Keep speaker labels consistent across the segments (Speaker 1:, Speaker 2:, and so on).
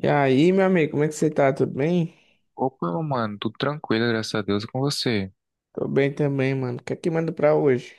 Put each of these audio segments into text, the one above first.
Speaker 1: E aí, meu amigo, como é que você tá? Tudo bem?
Speaker 2: Opa, mano, tudo tranquilo, graças a Deus, e com você.
Speaker 1: Tô bem também, mano. O que é que manda pra hoje?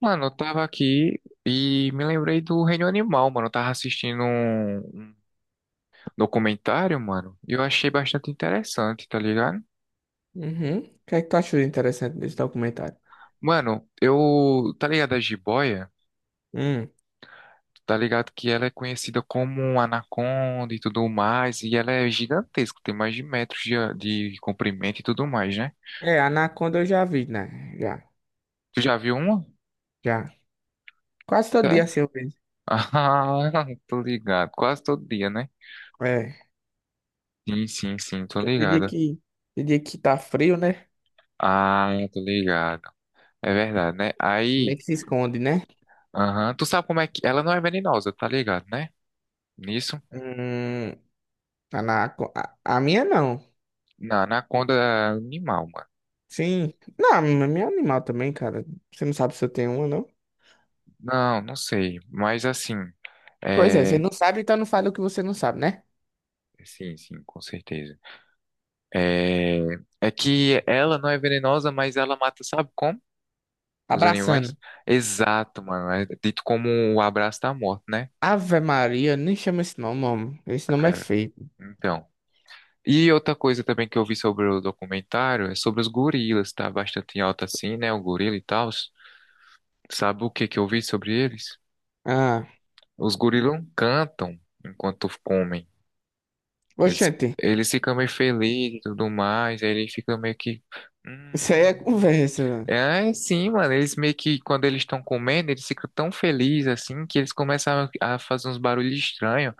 Speaker 2: Mano, eu tava aqui e me lembrei do Reino Animal, mano. Eu tava assistindo um documentário, mano, e eu achei bastante interessante, tá ligado?
Speaker 1: Uhum. O que é que tu achou de interessante desse documentário?
Speaker 2: Mano, eu. Tá ligado a jiboia?
Speaker 1: Hum.
Speaker 2: Tá ligado que ela é conhecida como anaconda e tudo mais, e ela é gigantesca, tem mais de metros de comprimento e tudo mais, né?
Speaker 1: É, Anaconda eu já vi, né? Já,
Speaker 2: Tu já viu uma?
Speaker 1: já. Quase todo dia
Speaker 2: Sério?
Speaker 1: assim eu vejo.
Speaker 2: Ah, tô ligado. Quase todo dia, né?
Speaker 1: É.
Speaker 2: Sim, sim, sim, tô
Speaker 1: Porque Tem dia
Speaker 2: ligado.
Speaker 1: que, tem dia que tá frio, né?
Speaker 2: Ah, tô ligado. É verdade, né?
Speaker 1: Meio
Speaker 2: Aí,
Speaker 1: que se esconde, né?
Speaker 2: aham, tu sabe como é que. Ela não é venenosa, tá ligado, né? Nisso?
Speaker 1: Hum. Anaconda. A minha não.
Speaker 2: Na anaconda é animal, mano.
Speaker 1: Sim. Não, a minha é animal também, cara. Você não sabe se eu tenho uma, não?
Speaker 2: Não, não sei. Mas assim.
Speaker 1: Pois é, você
Speaker 2: É.
Speaker 1: não sabe, então não fala o que você não sabe, né?
Speaker 2: Sim, sim, com certeza. É. É que ela não é venenosa, mas ela mata, sabe como? Os animais?
Speaker 1: Abraçando.
Speaker 2: Exato, mano. É dito como o abraço da morte, né?
Speaker 1: Ave Maria, nem chama esse nome, homem. Esse nome é
Speaker 2: É.
Speaker 1: feio.
Speaker 2: Então. E outra coisa também que eu vi sobre o documentário é sobre os gorilas, tá bastante em alta assim, né? O gorila e tal. Sabe o que que eu vi sobre eles?
Speaker 1: Ah,
Speaker 2: Os gorilas não cantam enquanto comem. Eles,
Speaker 1: oxente,
Speaker 2: eles ficam meio felizes e tudo mais, aí eles ficam meio que.
Speaker 1: isso aí
Speaker 2: "Hum".
Speaker 1: é conversa, velho.
Speaker 2: É, é sim, mano. Eles meio que, quando eles estão comendo, eles ficam tão felizes assim que eles começam a fazer uns barulhos estranhos.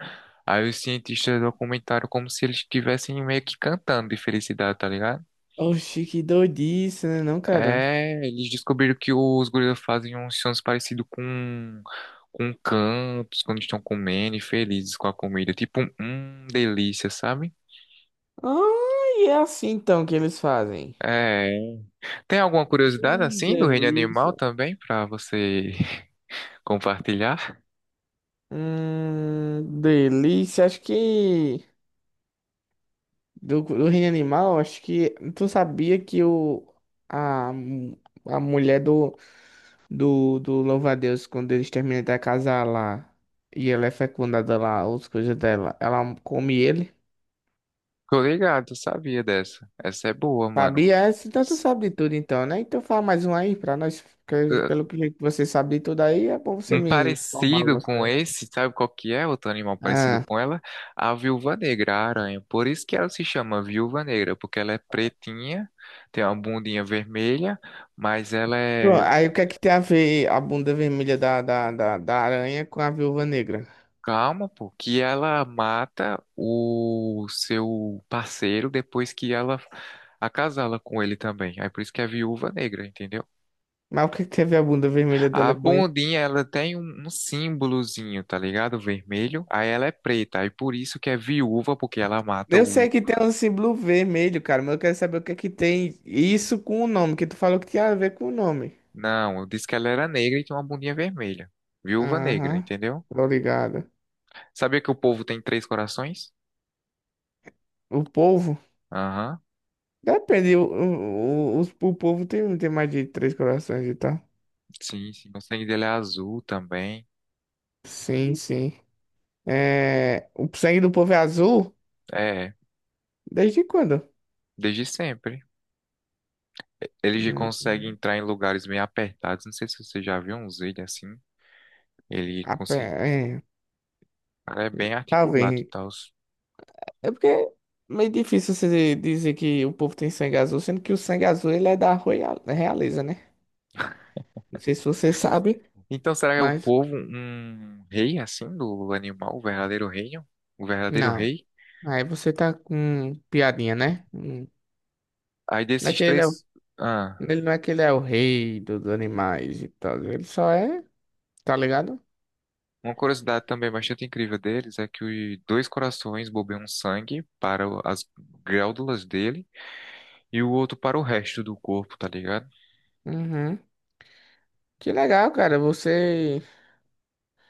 Speaker 2: Aí os cientistas documentaram como se eles estivessem meio que cantando de felicidade, tá ligado?
Speaker 1: Oxi, que doidice, né não, cara?
Speaker 2: É, eles descobriram que os gorilas fazem uns sons parecidos com cantos, quando estão comendo e felizes com a comida. Tipo, um delícia, sabe?
Speaker 1: Ah, e é assim então que eles fazem.
Speaker 2: É. Tem alguma curiosidade assim do reino animal
Speaker 1: Delícia.
Speaker 2: também pra você compartilhar?
Speaker 1: Delícia. Acho que do reino animal, acho que tu sabia que a, mu- a mulher do louva-a-Deus quando eles terminam de casar lá e ela é fecundada lá, as coisas dela, ela come ele.
Speaker 2: Tô ligado, sabia dessa. Essa é boa, mano.
Speaker 1: Fabi, é, então tu sabe de tudo então, né? Então fala mais um aí pra nós, porque pelo que você sabe de tudo aí, é bom você
Speaker 2: Um
Speaker 1: me informar
Speaker 2: parecido
Speaker 1: algumas
Speaker 2: com
Speaker 1: coisas, né?
Speaker 2: esse, sabe qual que é outro animal parecido
Speaker 1: Ah,
Speaker 2: com ela? A viúva negra, a aranha. Por isso que ela se chama viúva negra, porque ela é pretinha, tem uma bundinha vermelha, mas ela
Speaker 1: pronto.
Speaker 2: é
Speaker 1: Aí o que é que tem a ver a bunda vermelha da aranha com a viúva negra?
Speaker 2: calma, pô, que ela mata o seu parceiro depois que ela acasala com ele também. Aí por isso que é viúva negra, entendeu?
Speaker 1: Mas o que é que tem a ver a bunda vermelha dela
Speaker 2: A
Speaker 1: com isso?
Speaker 2: bundinha, ela tem um símbolozinho, tá ligado? Vermelho. Aí ela é preta. Aí por isso que é viúva, porque ela mata
Speaker 1: Eu
Speaker 2: o.
Speaker 1: sei que tem um símbolo vermelho, cara, mas eu quero saber o que é que tem isso com o nome, que tu falou que tinha a ver com o nome.
Speaker 2: Não, eu disse que ela era negra e tinha uma bundinha vermelha. Viúva negra,
Speaker 1: Aham,
Speaker 2: entendeu?
Speaker 1: tô ligado.
Speaker 2: Sabia que o povo tem três corações?
Speaker 1: O povo?
Speaker 2: Aham,
Speaker 1: Depende, o povo tem mais de três corações e tal.
Speaker 2: sim, sim. O sangue dele é azul também.
Speaker 1: Sim, sim. É, o sangue do povo é azul?
Speaker 2: É, é.
Speaker 1: Desde quando?
Speaker 2: Desde sempre. Ele
Speaker 1: Hum,
Speaker 2: consegue entrar em lugares meio apertados. Não sei se você já viu uns vídeos assim. Ele
Speaker 1: a pe-
Speaker 2: consegue.
Speaker 1: é,
Speaker 2: É bem articulado e
Speaker 1: talvez.
Speaker 2: tal.
Speaker 1: É porque é meio difícil você dizer que o povo tem sangue azul, sendo que o sangue azul ele é da realeza, né? Não sei se você sabe,
Speaker 2: Então, será que é o
Speaker 1: mas.
Speaker 2: povo um rei, assim, do animal? O verdadeiro reino? O verdadeiro
Speaker 1: Não.
Speaker 2: rei?
Speaker 1: Aí você tá com piadinha, né? Hum.
Speaker 2: Aí
Speaker 1: Não é
Speaker 2: desses
Speaker 1: que ele é, o-
Speaker 2: três. Ah.
Speaker 1: ele não é que ele é o rei dos animais e tal. Ele só é, tá ligado?
Speaker 2: Uma curiosidade também bastante incrível deles é que os dois corações bombeiam sangue para o- as glândulas dele e o outro para o resto do corpo, tá ligado?
Speaker 1: Uhum. Que legal, cara. Você.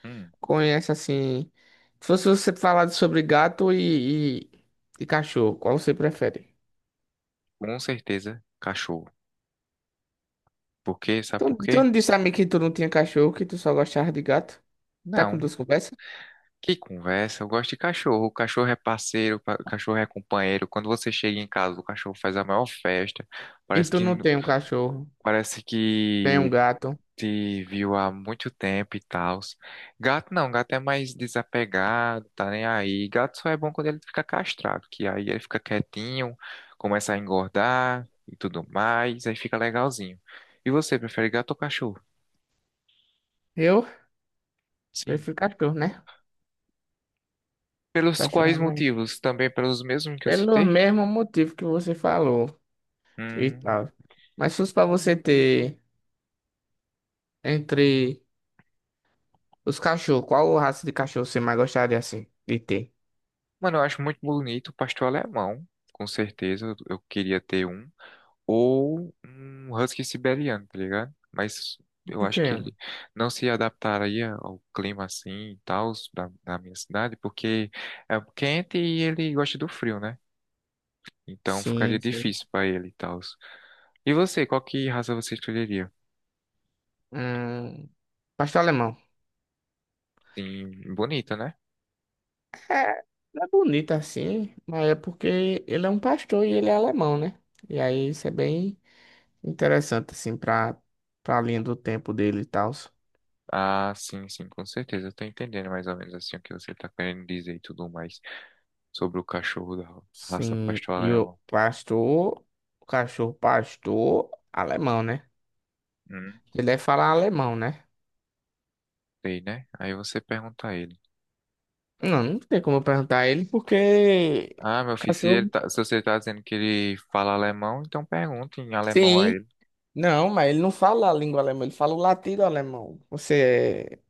Speaker 2: Hum,
Speaker 1: Conhece assim. Se fosse você falar sobre gato e cachorro, qual você prefere?
Speaker 2: com certeza, cachorro. Por quê? Sabe
Speaker 1: Tu,
Speaker 2: por
Speaker 1: tu
Speaker 2: quê?
Speaker 1: não disse a mim que tu não tinha cachorro, que tu só gostava de gato? Tá com
Speaker 2: Não.
Speaker 1: duas conversas?
Speaker 2: Que conversa, eu gosto de cachorro. O cachorro é parceiro, pa- o cachorro é companheiro. Quando você chega em casa, o cachorro faz a maior festa.
Speaker 1: E
Speaker 2: Parece
Speaker 1: tu
Speaker 2: que,
Speaker 1: não tem um cachorro,
Speaker 2: parece
Speaker 1: tem um
Speaker 2: que
Speaker 1: gato.
Speaker 2: te viu há muito tempo e tal. Gato não, gato é mais desapegado, tá nem aí. Gato só é bom quando ele fica castrado, que aí ele fica quietinho, começa a engordar e tudo mais, aí fica legalzinho. E você, prefere gato ou cachorro?
Speaker 1: Eu
Speaker 2: Sim.
Speaker 1: prefiro cachorro, né?
Speaker 2: Pelos
Speaker 1: Cachorro é
Speaker 2: quais
Speaker 1: mais.
Speaker 2: motivos? Também pelos mesmos que eu
Speaker 1: Pelo
Speaker 2: citei?
Speaker 1: mesmo motivo que você falou e
Speaker 2: Hum.
Speaker 1: tal. Mas se fosse pra você ter entre os cachorros, qual raça de cachorro você mais gostaria assim de ter?
Speaker 2: Mano, eu acho muito bonito o pastor é alemão, com certeza, eu queria ter um. Ou um husky siberiano, tá ligado? Mas eu
Speaker 1: Por
Speaker 2: acho que
Speaker 1: quê?
Speaker 2: ele não se adaptaria ao clima assim e tal da minha cidade, porque é quente e ele gosta do frio, né? Então ficaria
Speaker 1: Sim, sim.
Speaker 2: difícil pra ele e tal. E você, qual que raça você escolheria?
Speaker 1: Hum, pastor alemão.
Speaker 2: Sim, bonita, né?
Speaker 1: É bonito assim, mas é porque ele é um pastor e ele é alemão, né? E aí isso é bem interessante, assim, pra linha do tempo dele e tal.
Speaker 2: Ah, sim, sim, com certeza. Eu tô entendendo mais ou menos assim o que você tá querendo dizer e tudo mais sobre o cachorro da raça
Speaker 1: Sim,
Speaker 2: pastor
Speaker 1: e o
Speaker 2: alemão.
Speaker 1: pastor, o cachorro pastor, alemão, né?
Speaker 2: Hum,
Speaker 1: Ele deve falar alemão, né?
Speaker 2: sei, né? Aí você pergunta a ele.
Speaker 1: Não, não tem como eu perguntar a ele, porque
Speaker 2: Ah, meu
Speaker 1: o
Speaker 2: filho, se, ele
Speaker 1: cachorro.
Speaker 2: tá- se você tá dizendo que ele fala alemão, então pergunta em alemão a
Speaker 1: Sim,
Speaker 2: ele.
Speaker 1: não, mas ele não fala a língua alemã, ele fala o latido alemão. Você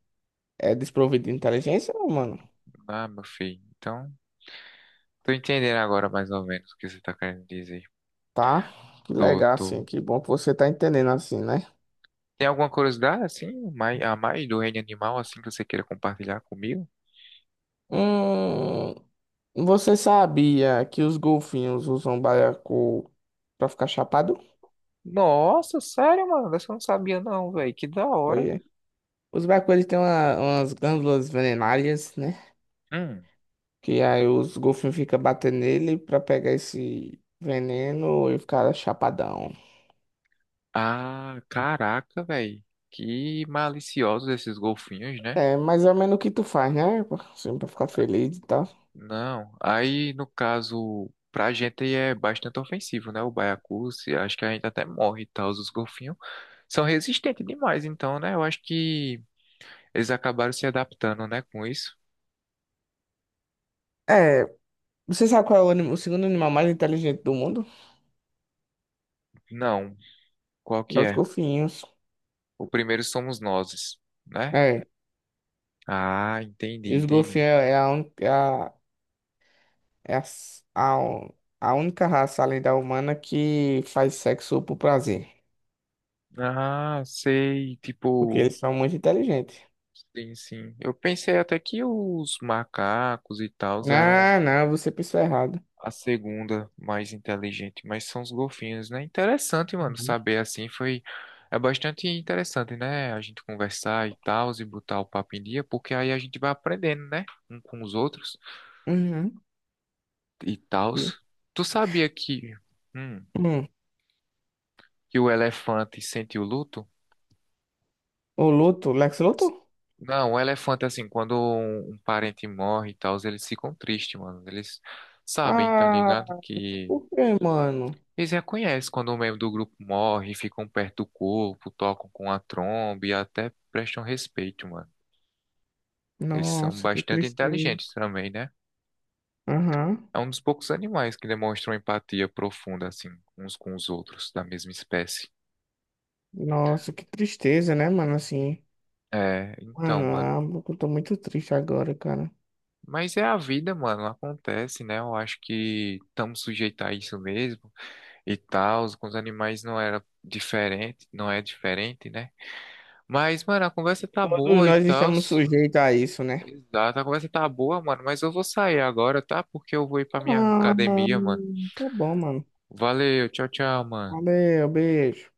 Speaker 1: é desprovido de inteligência, não, mano?
Speaker 2: Ah, meu filho, então tô entendendo agora mais ou menos o que você tá querendo dizer.
Speaker 1: Tá? Que
Speaker 2: Tô,
Speaker 1: legal, assim.
Speaker 2: tô.
Speaker 1: Que bom que você tá entendendo assim, né?
Speaker 2: Tem alguma curiosidade, assim, mai- a mais do reino animal, assim, que você queira compartilhar comigo?
Speaker 1: Hum, você sabia que os golfinhos usam baiacu pra ficar chapado?
Speaker 2: Nossa, sério, mano, dessa eu não sabia não, velho, que da hora.
Speaker 1: Apoiei. Os baiacus, eles têm umas glândulas venenárias, né?
Speaker 2: Hum.
Speaker 1: Que aí os golfinhos ficam batendo nele pra pegar esse veneno e ficar chapadão.
Speaker 2: Ah, caraca, velho, que maliciosos esses golfinhos, né?
Speaker 1: É mais ou menos o que tu faz, né? Assim, pra ficar feliz e tal.
Speaker 2: Não, aí no caso, pra gente é bastante ofensivo, né? O baiacu, se- acho que a gente até morre e tal, os golfinhos são resistentes demais, então, né? Eu acho que eles acabaram se adaptando, né, com isso.
Speaker 1: É. Você sabe qual é o segundo animal mais inteligente do mundo?
Speaker 2: Não, qual
Speaker 1: É
Speaker 2: que
Speaker 1: os
Speaker 2: é?
Speaker 1: golfinhos.
Speaker 2: O primeiro somos nós, né?
Speaker 1: É.
Speaker 2: Ah, entendi,
Speaker 1: E os
Speaker 2: entendi.
Speaker 1: golfinhos é a, un- é a, é a, s- a única raça além da humana que faz sexo por prazer.
Speaker 2: Ah, sei,
Speaker 1: Porque
Speaker 2: tipo,
Speaker 1: eles são muito inteligentes.
Speaker 2: sim, sim. Eu pensei até que os macacos e tal eram
Speaker 1: Ah, não, você pensou errado.
Speaker 2: a segunda, mais inteligente, mas são os golfinhos, né? Interessante, mano,
Speaker 1: Uhum.
Speaker 2: saber assim foi. É bastante interessante, né? A gente conversar e tal, e botar o papo em dia, porque aí a gente vai aprendendo, né? Um com os outros
Speaker 1: Uhum.
Speaker 2: e tal.
Speaker 1: E-
Speaker 2: Tu sabia hum,
Speaker 1: Hum.
Speaker 2: que o elefante sente o luto?
Speaker 1: O Luto, Lex Luthor?
Speaker 2: Não, o elefante, assim, quando um parente morre e tal, eles ficam tristes, mano. Eles sabem, tá
Speaker 1: Ah,
Speaker 2: ligado? Que
Speaker 1: por quê, mano?
Speaker 2: eles reconhecem quando um membro do grupo morre, ficam perto do corpo, tocam com a tromba e até prestam respeito, mano. Eles são
Speaker 1: Nossa, que
Speaker 2: bastante
Speaker 1: tristeza.
Speaker 2: inteligentes também, né?
Speaker 1: Aham.
Speaker 2: É um dos poucos animais que demonstram empatia profunda, assim, uns com os outros, da mesma espécie.
Speaker 1: Nossa, que tristeza, né, mano? Assim.
Speaker 2: É, então,
Speaker 1: Mano,
Speaker 2: mano.
Speaker 1: ah, eu tô muito triste agora, cara.
Speaker 2: Mas é a vida, mano, acontece, né? Eu acho que estamos sujeitos a isso mesmo e tal. Com os animais não era diferente, não é diferente, né? Mas, mano, a conversa tá
Speaker 1: Todos
Speaker 2: boa e
Speaker 1: nós
Speaker 2: tal.
Speaker 1: estamos sujeitos a isso, né?
Speaker 2: Exato, a conversa tá boa, mano, mas eu vou sair agora, tá? Porque eu vou ir pra minha
Speaker 1: Ah,
Speaker 2: academia, mano.
Speaker 1: tá bom, mano.
Speaker 2: Valeu, tchau, tchau, mano.
Speaker 1: Valeu, beijo.